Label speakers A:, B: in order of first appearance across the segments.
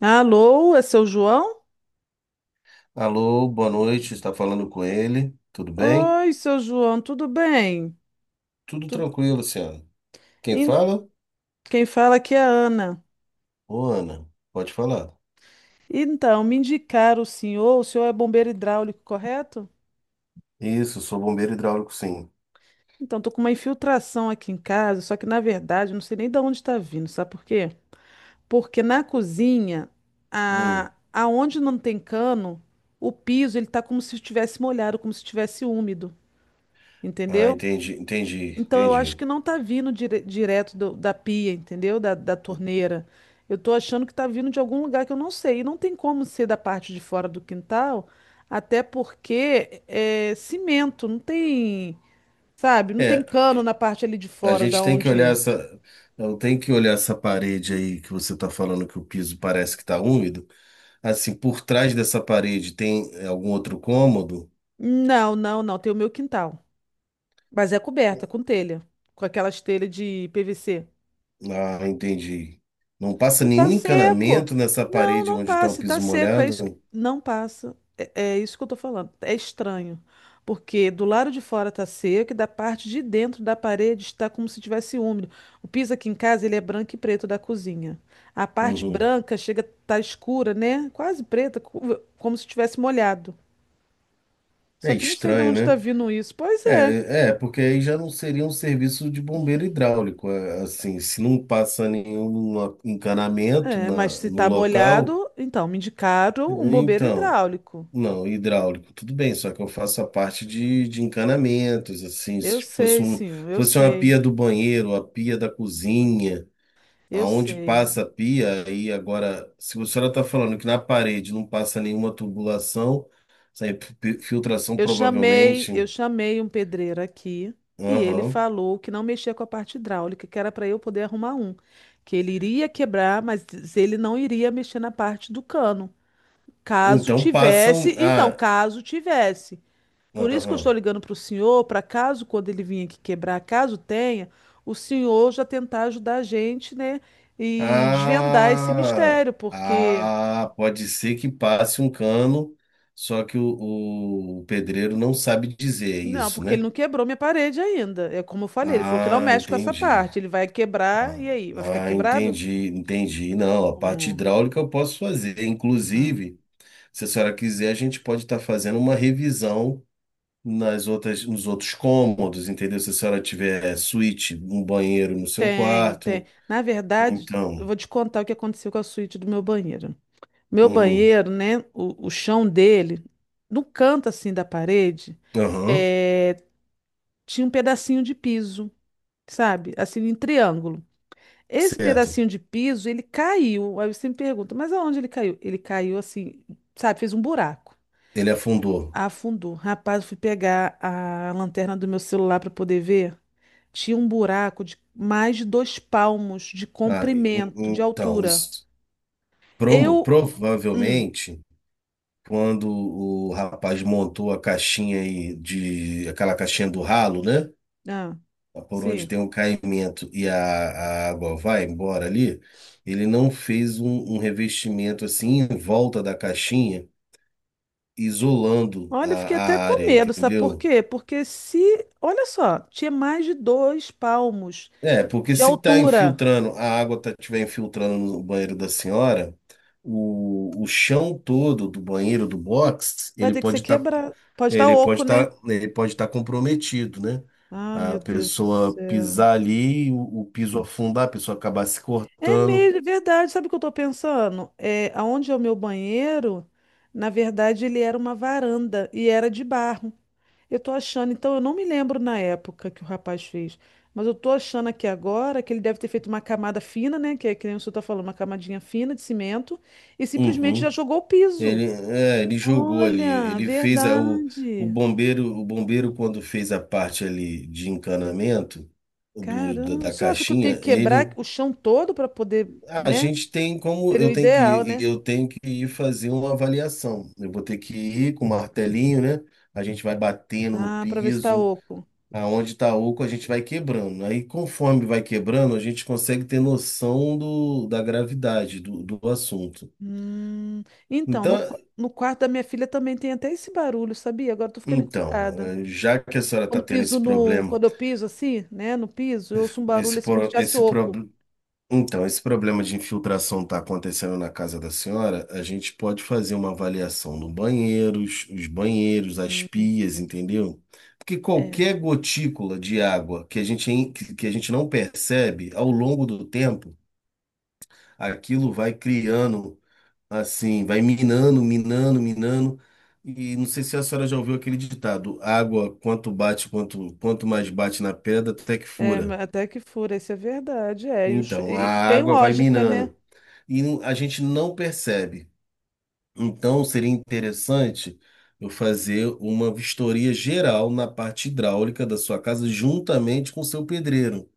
A: Alô, é seu João?
B: Alô, boa noite. Está falando com ele? Tudo bem?
A: Oi, seu João, tudo bem?
B: Tudo
A: Tu-
B: tranquilo, Luciano. Quem
A: In-
B: fala?
A: Quem fala aqui é a Ana.
B: Ô, Ana, pode falar.
A: Então, me indicaram o senhor é bombeiro hidráulico, correto?
B: Isso, sou bombeiro hidráulico, sim.
A: Então, tô com uma infiltração aqui em casa, só que na verdade eu não sei nem de onde está vindo, sabe por quê? Porque na cozinha,
B: Hum.
A: aonde não tem cano, o piso ele tá como se estivesse molhado, como se estivesse úmido,
B: Ah,
A: entendeu?
B: entendi, entendi,
A: Então eu acho que
B: entendi.
A: não tá vindo direto da pia, entendeu? Da torneira. Eu tô achando que tá vindo de algum lugar que eu não sei. E não tem como ser da parte de fora do quintal, até porque é cimento, não tem, sabe? Não tem
B: É,
A: cano na parte ali de
B: a
A: fora
B: gente
A: da
B: tem que
A: onde
B: olhar
A: é.
B: essa, eu tenho que olhar essa parede aí que você está falando que o piso parece que está úmido. Assim, por trás dessa parede tem algum outro cômodo?
A: Não. Tem o meu quintal. Mas é coberta com telha, com aquelas telhas de PVC.
B: Ah, entendi. Não passa
A: E tá
B: nenhum
A: seco.
B: encanamento nessa
A: Não,
B: parede
A: não
B: onde está o
A: passa. E tá
B: piso
A: seco.
B: molhado?
A: Não passa. É, é isso que eu tô falando. É estranho. Porque do lado de fora tá seco e da parte de dentro da parede está como se tivesse úmido. O piso aqui em casa, ele é branco e preto da cozinha. A parte
B: Uhum.
A: branca chega a tá escura, né? Quase preta, como se tivesse molhado.
B: É
A: Só que eu não sei de
B: estranho,
A: onde está
B: né?
A: vindo isso. Pois é.
B: É, porque aí já não seria um serviço de bombeiro hidráulico. Assim, se não passa nenhum encanamento
A: É, mas
B: na,
A: se
B: no
A: tá
B: local,
A: molhado, então me indicaram um bombeiro
B: então,
A: hidráulico.
B: não, hidráulico, tudo bem, só que eu faço a parte de encanamentos, assim,
A: Eu
B: se fosse
A: sei,
B: um,
A: sim, eu
B: fosse uma
A: sei.
B: pia do banheiro, a pia da cozinha,
A: Eu
B: aonde
A: sei.
B: passa a pia, aí agora, se a senhora está falando que na parede não passa nenhuma tubulação, sem filtração
A: Eu chamei,
B: provavelmente.
A: eu chamei um pedreiro aqui e ele
B: Aham.
A: falou que não mexia com a parte hidráulica, que era para eu poder arrumar um, que ele iria quebrar, mas ele não iria mexer na parte do cano, caso
B: Então passam.
A: tivesse, então,
B: Ah,
A: caso tivesse. Por isso que eu
B: aham.
A: estou ligando para o senhor, para caso quando ele vir aqui quebrar, caso tenha, o senhor já tentar ajudar a gente, né, e desvendar esse
B: Ah,
A: mistério, porque
B: ah, pode ser que passe um cano, só que o pedreiro não sabe dizer é
A: não,
B: isso,
A: porque ele
B: né?
A: não quebrou minha parede ainda. É como eu falei, ele falou que não
B: Ah,
A: mexe com essa
B: entendi.
A: parte. Ele vai quebrar e
B: Ah,
A: aí, vai ficar
B: ah,
A: quebrado?
B: entendi, entendi. Não, a parte
A: Hum,
B: hidráulica eu posso fazer.
A: hum.
B: Inclusive, se a senhora quiser, a gente pode estar fazendo uma revisão nos outros cômodos, entendeu? Se a senhora tiver suíte, um banheiro no seu
A: Tem, tem.
B: quarto.
A: Na verdade, eu
B: Então,
A: vou te contar o que aconteceu com a suíte do meu banheiro. Meu
B: uhum.
A: banheiro, né? O chão dele, no canto assim da parede,
B: Aham,
A: é, tinha um pedacinho de piso, sabe? Assim, em triângulo. Esse
B: certo.
A: pedacinho de piso, ele caiu. Aí você me pergunta, mas aonde ele caiu? Ele caiu assim, sabe? Fez um buraco.
B: Ele afundou.
A: Afundou. Rapaz, eu fui pegar a lanterna do meu celular para poder ver. Tinha um buraco de mais de dois palmos de
B: Ah,
A: comprimento, de
B: então,
A: altura.
B: isso,
A: Eu. Hum,
B: provavelmente, quando o rapaz montou a caixinha aí de aquela caixinha do ralo, né?
A: ah,
B: Ah, por onde
A: sim.
B: tem um caimento e a água vai embora ali, ele não fez um revestimento assim em volta da caixinha, isolando a,
A: Olha, eu fiquei até
B: a
A: com
B: área,
A: medo, sabe por
B: entendeu?
A: quê? Porque se. Olha só, tinha mais de dois palmos
B: É, porque
A: de
B: se tá
A: altura.
B: infiltrando, tiver infiltrando no banheiro da senhora, o chão todo do banheiro do box,
A: Vai
B: ele
A: ter que ser
B: pode estar
A: quebrado. Pode estar
B: ele pode
A: oco, né?
B: estar ele pode estar comprometido, né?
A: Ah,
B: A
A: meu Deus do
B: pessoa
A: céu.
B: pisar ali, o piso afundar, a pessoa acabar se
A: É
B: cortando.
A: mesmo, é verdade. Sabe o que eu tô pensando? É, aonde é o meu banheiro, na verdade, ele era uma varanda e era de barro. Eu tô achando, então eu não me lembro na época que o rapaz fez, mas eu tô achando aqui agora que ele deve ter feito uma camada fina, né? Que é que nem o senhor tá falando, uma camadinha fina de cimento, e simplesmente já
B: Uhum.
A: jogou o piso.
B: Ele jogou ali,
A: Olha,
B: ele fez a, o, o
A: verdade.
B: bombeiro, o bombeiro quando fez a parte ali de encanamento do, da
A: Caramba, o
B: da
A: senhor acha que eu tenho que
B: caixinha,
A: quebrar
B: ele.
A: o chão todo para poder,
B: A
A: né?
B: gente tem como
A: Seria o
B: eu tenho que
A: ideal,
B: ir,
A: né?
B: eu tenho que ir fazer uma avaliação. Eu vou ter que ir com o martelinho, né? A gente vai batendo no
A: Ah, para ver se tá
B: piso,
A: oco.
B: aonde tá oco a gente vai quebrando. Aí conforme vai quebrando, a gente consegue ter noção da gravidade do assunto.
A: Hum, então,
B: Então,
A: no quarto da minha filha também tem até esse barulho, sabia? Agora eu tô ficando
B: então,
A: encucada.
B: já que a senhora está tendo esse problema,
A: Quando eu piso assim, né, no piso, eu ouço um barulho
B: esse,
A: assim como se
B: pro-
A: tivesse
B: esse
A: oco.
B: problema Então, esse problema de infiltração está acontecendo na casa da senhora. A gente pode fazer uma avaliação nos banheiros, as
A: Hum,
B: pias, entendeu? Porque
A: é,
B: qualquer gotícula de água que a gente, que a gente não percebe, ao longo do tempo, aquilo vai criando, assim, vai minando, minando, minando. E não sei se a senhora já ouviu aquele ditado: água, quanto bate, quanto mais bate na pedra, até que
A: é,
B: fura.
A: até que fura, isso é verdade, é. E,
B: Então, a
A: e tem
B: água vai
A: lógica, né?
B: minando e a gente não percebe. Então, seria interessante eu fazer uma vistoria geral na parte hidráulica da sua casa juntamente com o seu pedreiro.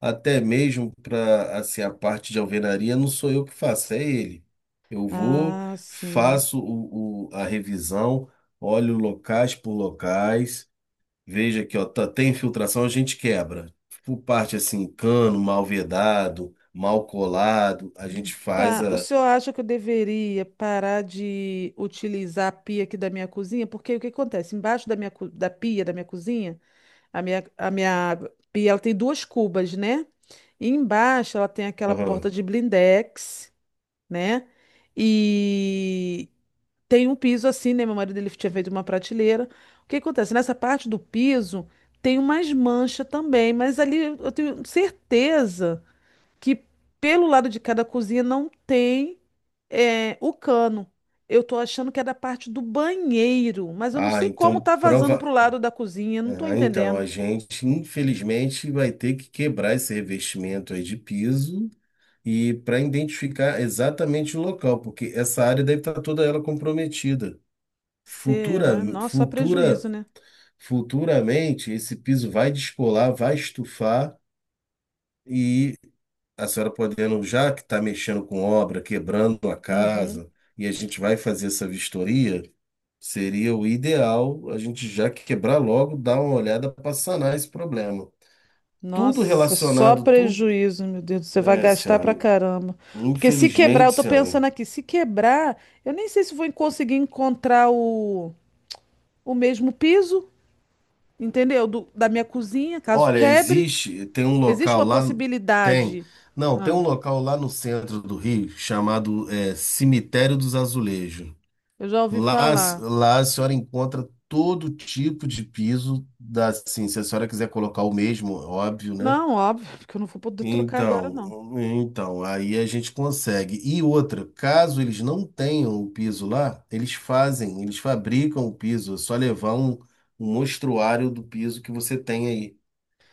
B: Até mesmo para assim, a parte de alvenaria não sou eu que faço, é ele. Eu vou,
A: Ah, sim.
B: faço a revisão, olho locais por locais. Veja aqui, ó, tem infiltração, a gente quebra. Por parte assim, cano mal vedado, mal colado, a gente faz
A: Tá, o
B: a.
A: senhor acha que eu deveria parar de utilizar a pia aqui da minha cozinha? Porque o que acontece? Embaixo da da pia da minha cozinha, a minha pia, ela tem duas cubas, né? E embaixo ela tem aquela
B: Aham.
A: porta de blindex, né? E tem um piso assim, né? Meu marido ele tinha feito uma prateleira. O que acontece? Nessa parte do piso tem umas manchas também, mas ali eu tenho certeza que pelo lado de cada cozinha não tem é, o cano. Eu tô achando que é da parte do banheiro, mas eu não
B: Ah,
A: sei como
B: então
A: tá vazando
B: prova.
A: pro lado da cozinha, não tô
B: Ah, então
A: entendendo.
B: a gente infelizmente vai ter que quebrar esse revestimento aí de piso e para identificar exatamente o local, porque essa área deve estar toda ela comprometida. Futura,
A: Será? Nossa, só
B: futura,
A: prejuízo, né?
B: futuramente esse piso vai descolar, vai estufar, a senhora podendo, já que está mexendo com obra, quebrando a
A: Uhum.
B: casa, e a gente vai fazer essa vistoria, seria o ideal a gente já quebrar logo, dar uma olhada para sanar esse problema. Tudo
A: Nossa, só
B: relacionado, tudo.
A: prejuízo, meu Deus. Você vai
B: É,
A: gastar pra
B: senhora,
A: caramba. Porque se quebrar, eu
B: infelizmente,
A: tô
B: senhora.
A: pensando aqui, se quebrar, eu nem sei se vou conseguir encontrar o mesmo piso, entendeu? Da minha cozinha, caso
B: Olha,
A: quebre.
B: existe, tem um
A: Existe
B: local
A: uma
B: lá, tem.
A: possibilidade.
B: Não, tem
A: Ah,
B: um local lá no centro do Rio chamado Cemitério dos Azulejos.
A: eu já ouvi
B: Lá,
A: falar.
B: lá, a senhora encontra todo tipo de piso, assim, se a senhora quiser colocar o mesmo, óbvio, né?
A: Não, óbvio, porque eu não vou poder trocar agora, não.
B: Então, aí a gente consegue. E outra, caso eles não tenham o piso lá, eles fazem, eles fabricam o piso, é só levar um mostruário do piso que você tem aí.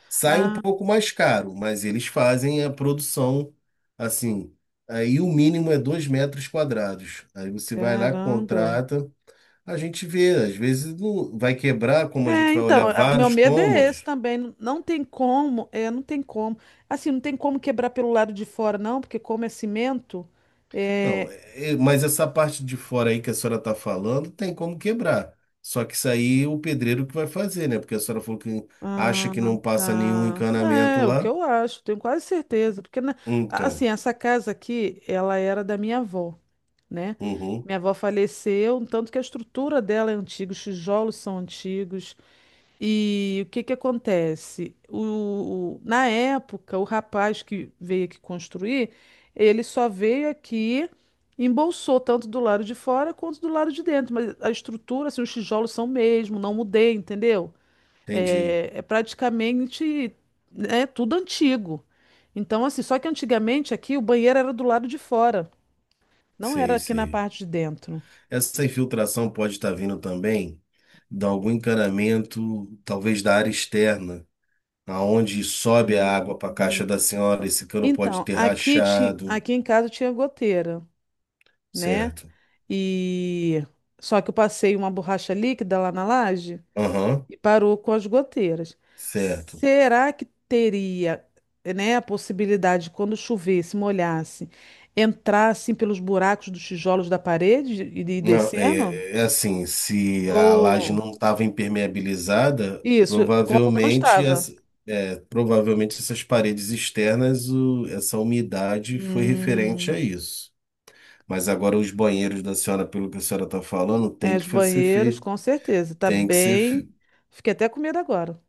B: Sai um
A: Ah,
B: pouco mais caro, mas eles fazem a produção, assim, aí o mínimo é 2 m². Aí você vai lá,
A: caramba.
B: contrata. A gente vê, às vezes não vai quebrar, como a gente
A: É,
B: vai olhar
A: então, o meu
B: vários
A: medo é esse
B: cômodos.
A: também. Não não tem como, é, não tem como. Assim, não tem como quebrar pelo lado de fora, não, porque como é cimento,
B: Não,
A: é.
B: mas essa parte de fora aí que a senhora está falando tem como quebrar. Só que isso aí é o pedreiro que vai fazer, né? Porque a senhora falou que acha
A: Ah,
B: que não passa nenhum
A: tá.
B: encanamento
A: É, o que
B: lá.
A: eu acho, tenho quase certeza. Porque,
B: Então,
A: assim, essa casa aqui, ela era da minha avó, né?
B: uhum,
A: Minha avó faleceu, um tanto que a estrutura dela é antiga, os tijolos são antigos. E o que que acontece? Na época, o rapaz que veio aqui construir, ele só veio aqui, embolsou tanto do lado de fora quanto do lado de dentro, mas a estrutura, assim, os tijolos são mesmo, não mudei, entendeu?
B: entendi.
A: É, é praticamente, né, tudo antigo. Então, assim, só que antigamente aqui o banheiro era do lado de fora, não era
B: Sei,
A: aqui na
B: sei.
A: parte de dentro.
B: Essa infiltração pode estar vindo também de algum encanamento, talvez da área externa, aonde sobe a água para a caixa da senhora. Esse cano pode
A: Então,
B: ter
A: aqui,
B: rachado.
A: aqui em casa tinha goteira, né?
B: Certo.
A: E só que eu passei uma borracha líquida lá na laje
B: Aham,
A: e parou com as goteiras.
B: certo.
A: Será que teria, né, a possibilidade de quando chovesse, molhasse, entrar assim pelos buracos dos tijolos da parede e de ir
B: Não, é,
A: descendo?
B: é é assim, se a laje
A: Ou
B: não estava impermeabilizada,
A: isso, como não
B: provavelmente,
A: estava?
B: as, provavelmente essas paredes externas, essa umidade foi referente
A: Hum,
B: a isso. Mas agora os banheiros da senhora, pelo que a senhora está falando,
A: é, os banheiros, com certeza. Tá
B: tem que ser,
A: bem.
B: fe-
A: Fiquei até com medo agora.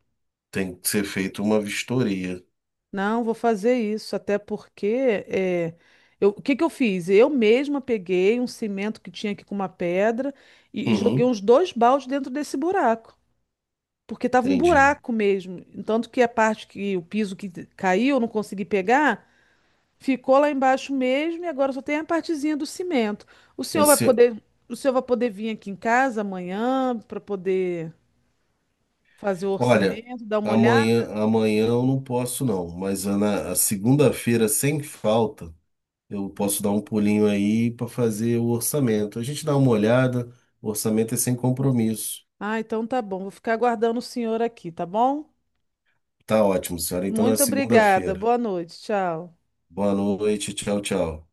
B: tem que ser feito uma vistoria.
A: Não, vou fazer isso, até porque é, o que que eu fiz? Eu mesma peguei um cimento que tinha aqui com uma pedra e joguei
B: Uhum,
A: uns dois baldes dentro desse buraco, porque estava um
B: entendi.
A: buraco mesmo. Tanto que a parte que o piso que caiu, eu não consegui pegar, ficou lá embaixo mesmo e agora só tem a partezinha do cimento. O senhor vai
B: Assim,
A: poder, o senhor vai poder vir aqui em casa amanhã para poder fazer o
B: olha,
A: orçamento, dar uma
B: amanhã,
A: olhada?
B: amanhã eu não posso não, mas a na a segunda-feira, sem falta, eu posso dar um pulinho aí para fazer o orçamento. A gente dá uma olhada, o orçamento é sem compromisso.
A: Ah, então tá bom, vou ficar aguardando o senhor aqui, tá bom?
B: Tá ótimo, senhora. Então na
A: Muito obrigada.
B: segunda-feira.
A: Boa noite. Tchau.
B: Boa noite, tchau, tchau.